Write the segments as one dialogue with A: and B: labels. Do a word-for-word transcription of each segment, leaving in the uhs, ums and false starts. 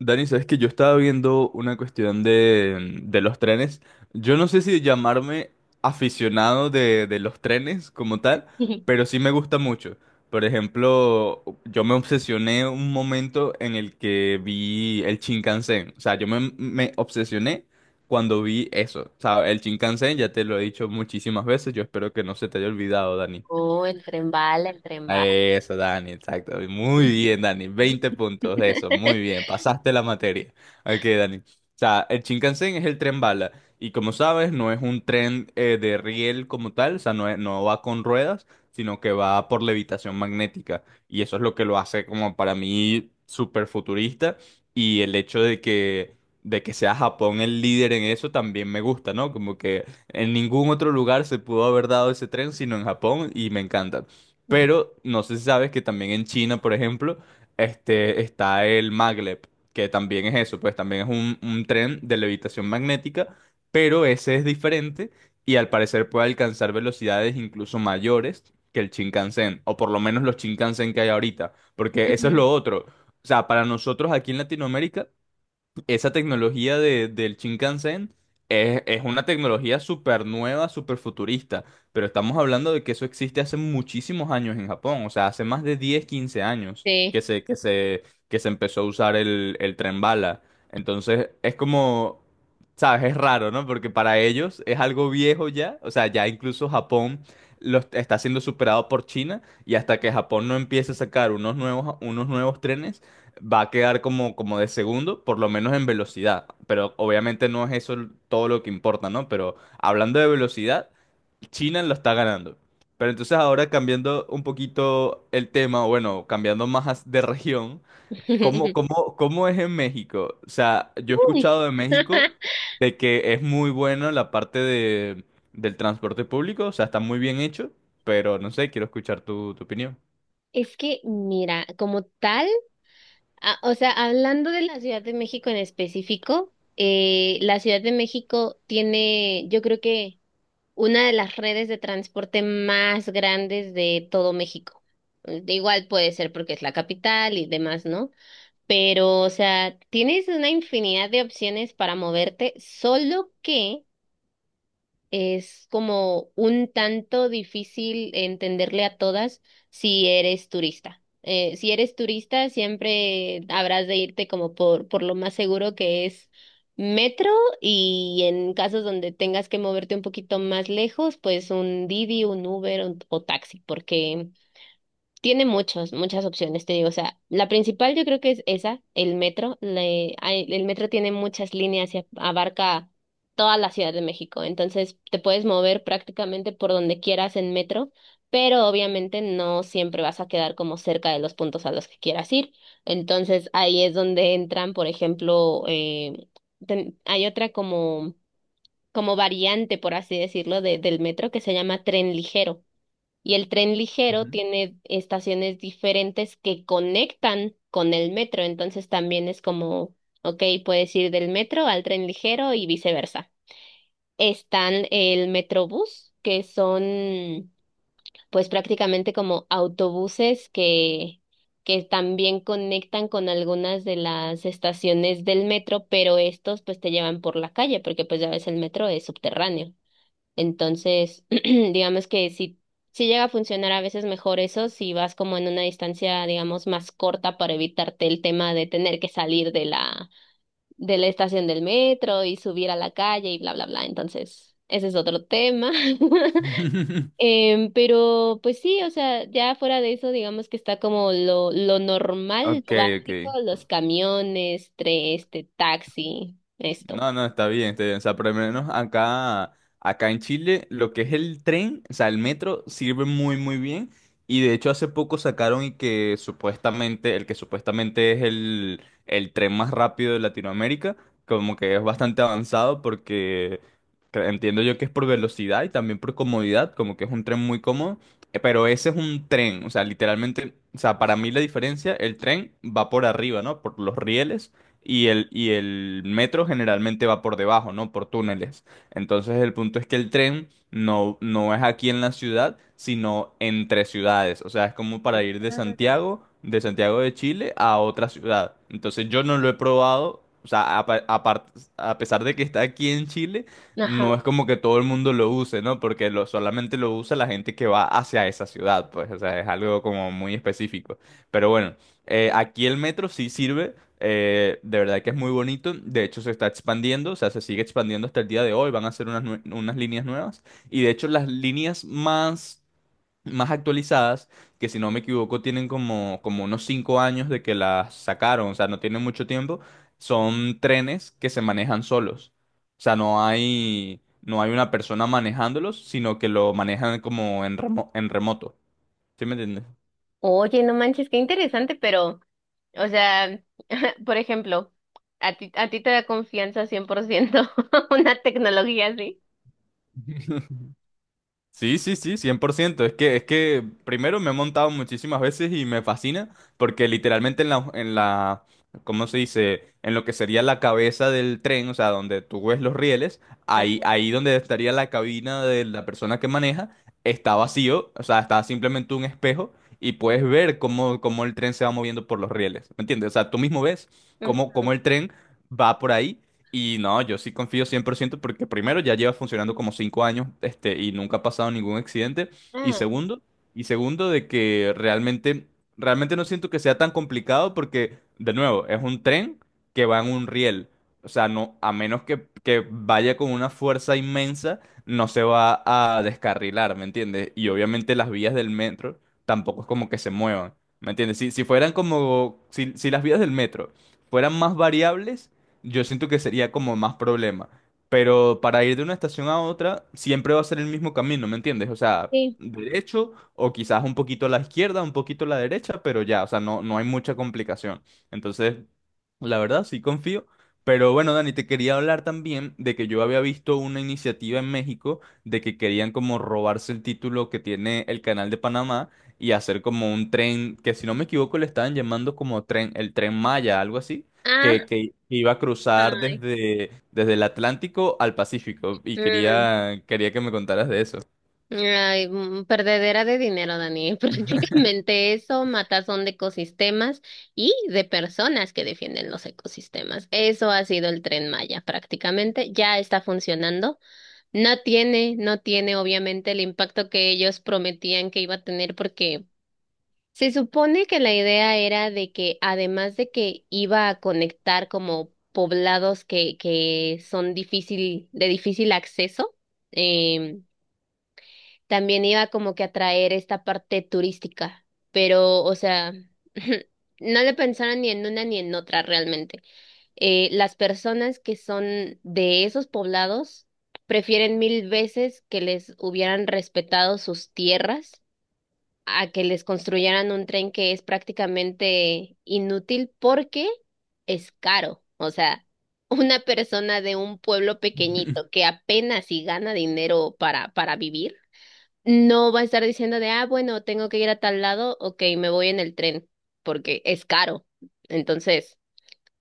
A: Dani, sabes que yo estaba viendo una cuestión de, de los trenes. Yo no sé si llamarme aficionado de, de los trenes como tal, pero sí me gusta mucho. Por ejemplo, yo me obsesioné un momento en el que vi el Shinkansen. O sea, yo me, me obsesioné cuando vi eso. O sea, el Shinkansen, ya te lo he dicho muchísimas veces, yo espero que no se te haya olvidado, Dani.
B: Oh, el tren bala, el tren bala.
A: Eso, Dani, exacto. Muy bien, Dani. veinte puntos, eso, muy bien. Pasaste la materia. Ok, Dani. O sea, el Shinkansen es el tren bala. Y como sabes, no es un tren eh, de riel como tal, o sea, no, es- no va con ruedas, sino que va por levitación magnética. Y eso es lo que lo hace como para mí súper futurista. Y el hecho de que, de que sea Japón el líder en eso también me gusta, ¿no? Como que en ningún otro lugar se pudo haber dado ese tren sino en Japón y me encanta. Pero no sé si sabes que también en China, por ejemplo, este, está el maglev, que también es eso, pues también es un, un tren de levitación magnética, pero ese es diferente y al parecer puede alcanzar velocidades incluso mayores que el Shinkansen, o por lo menos los Shinkansen que hay ahorita, porque eso es lo otro. O sea, para nosotros aquí en Latinoamérica esa tecnología de, del Shinkansen es, es una tecnología súper nueva, súper futurista, pero estamos hablando de que eso existe hace muchísimos años en Japón, o sea, hace más de diez quince años que
B: Sí.
A: se, que se, que se empezó a usar el, el tren bala. Entonces, es como, ¿sabes? Es raro, ¿no? Porque para ellos es algo viejo ya, o sea, ya incluso Japón lo est- está siendo superado por China y hasta que Japón no empiece a sacar unos nuevos, unos nuevos trenes va a quedar como, como de segundo, por lo menos en velocidad. Pero obviamente no es eso l- todo lo que importa, ¿no? Pero hablando de velocidad, China lo está ganando. Pero entonces ahora cambiando un poquito el tema, o bueno, cambiando más as- de región, ¿cómo, cómo, cómo es en México? O sea, yo he
B: Uy.
A: escuchado de México de que es muy bueno la parte de, del transporte público, o sea, está muy bien hecho, pero no sé, quiero escuchar tu, tu opinión.
B: Es que, mira, como tal, a- o sea, hablando de la Ciudad de México en específico, eh, la Ciudad de México tiene, yo creo que una de las redes de transporte más grandes de todo México. Eh, Igual puede ser porque es la capital y demás, ¿no? Pero, o sea, tienes una infinidad de opciones para moverte, solo que es como un tanto difícil entenderle a todas si eres turista. Eh, si eres turista, siempre habrás de irte como por, por lo más seguro, que es metro, y en casos donde tengas que moverte un poquito más lejos, pues un Didi, un Uber un- o taxi, porque tiene muchos, muchas opciones, te digo. O sea, la principal yo creo que es esa, el metro. Le- hay- el metro tiene muchas líneas y abarca toda la Ciudad de México. Entonces, te puedes mover prácticamente por donde quieras en metro, pero obviamente no siempre vas a quedar como cerca de los puntos a los que quieras ir. Entonces, ahí es donde entran, por ejemplo, eh, ten- hay otra como, como variante, por así decirlo, de- del metro, que se llama tren ligero. Y el tren ligero
A: Ujú.
B: tiene estaciones diferentes que conectan con el metro, entonces también es como, ok, puedes ir del metro al tren ligero y viceversa. Están el Metrobús, que son pues prácticamente como autobuses que, que también conectan con algunas de las estaciones del metro, pero estos pues te llevan por la calle, porque pues ya ves el metro es subterráneo. Entonces, digamos que si, si llega a funcionar a veces mejor eso, si vas como en una distancia, digamos, más corta, para evitarte el tema de tener que salir de la, de la estación del metro y subir a la calle y bla, bla, bla. Entonces, ese es otro tema. Em, pero pues sí, o sea, ya fuera de eso, digamos que está como lo, lo normal,
A: Ok,
B: lo
A: ok.
B: básico, los camiones, tre- este, taxi, esto.
A: No, no, está bien, está bien. O sea, por lo menos acá, acá en Chile, lo que es el tren, o sea, el metro, sirve muy, muy bien. Y de hecho, hace poco sacaron y que supuestamente, el que supuestamente es el, el tren más rápido de Latinoamérica, como que es bastante avanzado porque cre- entiendo yo que es por velocidad y también por comodidad, como que es un tren muy cómodo. eh, Pero ese es un tren, o sea, literalmente, o sea, para mí la diferencia, el tren va por arriba, ¿no? Por los rieles y el, y el metro generalmente va por debajo, ¿no? Por túneles. Entonces el punto es que el tren no, no es aquí en la ciudad, sino entre ciudades. O sea, es como para ir de Santiago, de Santiago de Chile a otra ciudad. Entonces yo no lo he probado, o sea, a, pa- a par- a pesar de que está aquí en Chile, no
B: Ajá.
A: es como que todo el mundo lo use, ¿no? Porque lo, solamente lo usa la gente que va hacia esa ciudad, pues, o sea, es algo como muy específico. Pero bueno, eh, aquí el metro sí sirve eh, de verdad que es muy bonito. De hecho, se está expandiendo, o sea, se sigue expandiendo hasta el día de hoy. Van a hacer unas, nue- unas líneas nuevas. Y de hecho, las líneas más, más actualizadas, que si no me equivoco, tienen como, como unos cinco años de que las sacaron, o sea, no tienen mucho tiempo, son trenes que se manejan solos. O sea, no hay, no hay una persona manejándolos, sino que lo manejan como en remo- en remoto. ¿Sí me entiendes?
B: Oye, no manches, qué interesante, pero, o sea, por ejemplo, ¿a ti, a ti te da confianza cien por ciento una tecnología así?
A: Sí, sí, sí, cien por ciento. Es que, es que primero me he montado muchísimas veces y me fascina porque literalmente en la, en la, ¿cómo se dice? En lo que sería la cabeza del tren, o sea, donde tú ves los rieles,
B: Ah,
A: ahí, ahí donde estaría la cabina de la persona que maneja, está vacío, o sea, está simplemente un espejo y puedes ver cómo, cómo el tren se va moviendo por los rieles, ¿me entiendes? O sea, tú mismo ves cómo, cómo
B: ujú.
A: el tren va por ahí y no, yo sí confío cien por ciento porque primero ya lleva funcionando como cinco años, este, y nunca ha pasado ningún accidente. Y
B: Ah,
A: segundo, y segundo de que realmente, realmente no siento que sea tan complicado porque, de nuevo, es un tren que va en un riel. O sea, no, a menos que, que vaya con una fuerza inmensa, no se va a descarrilar, ¿me entiendes? Y obviamente las vías del metro tampoco es como que se muevan, ¿me entiendes? Si, si fueran como, si, si las vías del metro fueran más variables yo siento que sería como más problema. Pero para ir de una estación a otra, siempre va a ser el mismo camino, ¿me entiendes? O sea,
B: sí.
A: derecho o quizás un poquito a la izquierda, un poquito a la derecha, pero ya, o sea, no, no hay mucha complicación. Entonces, la verdad, sí confío. Pero bueno, Dani, te quería hablar también de que yo había visto una iniciativa en México de que querían como robarse el título que tiene el Canal de Panamá y hacer como un tren, que si no me equivoco le estaban llamando como tren, el Tren Maya, algo así
B: Ah,
A: que, que iba a cruzar
B: ay,
A: desde, desde el Atlántico al Pacífico y
B: mm,
A: quería, quería que me contaras de eso.
B: ay, mm, perdedera de dinero, Dani. Prácticamente eso, matazón de ecosistemas y de personas que defienden los ecosistemas. Eso ha sido el Tren Maya, prácticamente. Ya está funcionando. No tiene, no tiene obviamente el impacto que ellos prometían que iba a tener, porque se supone que la idea era de que, además de que iba a conectar como poblados que, que son difícil, de difícil acceso, em, también iba como que a traer esta parte turística, pero o sea, no le pensaron ni en una ni en otra realmente. Eh, las personas que son de esos poblados prefieren mil veces que les hubieran respetado sus tierras a que les construyeran un tren que es prácticamente inútil porque es caro. O sea, una persona de un pueblo pequeñito que apenas si gana dinero para, para vivir, no va a estar diciendo de, ah, bueno, tengo que ir a tal lado, ok, me voy en el tren porque es caro. Entonces...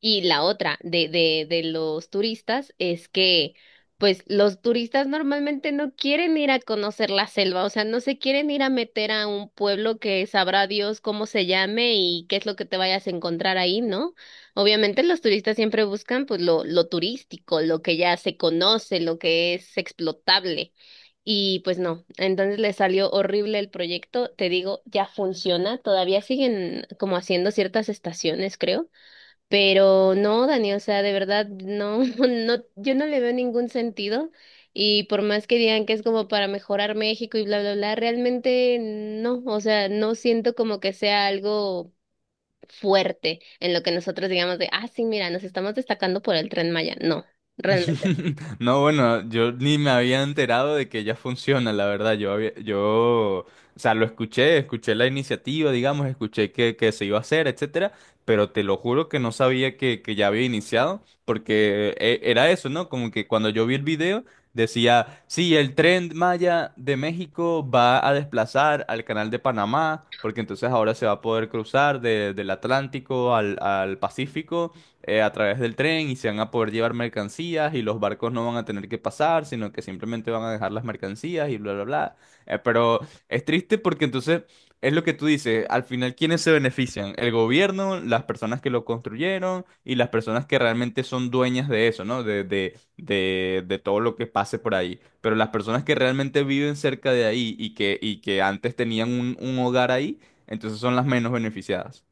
B: Y la otra de, de, de los turistas es que, pues, los turistas normalmente no quieren ir a conocer la selva, o sea, no se quieren ir a meter a un pueblo que sabrá Dios cómo se llame y qué es lo que te vayas a encontrar ahí, ¿no? Obviamente los turistas siempre buscan, pues, lo, lo turístico, lo que ya se conoce, lo que es explotable. Y pues no, entonces le salió horrible el proyecto, te digo, ya funciona, todavía siguen como haciendo ciertas estaciones, creo, pero no, Dani, o sea, de verdad, no, no, yo no le veo ningún sentido. Y por más que digan que es como para mejorar México y bla, bla, bla, realmente no, o sea, no siento como que sea algo fuerte en lo que nosotros digamos de, ah, sí, mira, nos estamos destacando por el Tren Maya. No, realmente.
A: No, bueno, yo ni me había enterado de que ya funciona, la verdad. Yo había, yo, o sea, lo escuché, escuché la iniciativa, digamos, escuché que, que se iba a hacer, etcétera, pero te lo juro que no sabía que, que ya había iniciado, porque eh, era eso, ¿no? Como que cuando yo vi el video decía, sí, el Tren Maya de México va a desplazar al Canal de Panamá, porque entonces ahora se va a poder cruzar de- del Atlántico al, al Pacífico eh, a través del tren y se van a poder llevar mercancías y los barcos no van a tener que pasar, sino que simplemente van a dejar las mercancías y bla, bla, bla. Eh, pero es triste porque entonces es lo que tú dices, al final, ¿quiénes se benefician? El gobierno, las personas que lo construyeron y las personas que realmente son dueñas de eso, ¿no? De, de, de, de todo lo que pase por ahí. Pero las personas que realmente viven cerca de ahí y que, y que antes tenían un un hogar ahí, entonces son las menos beneficiadas.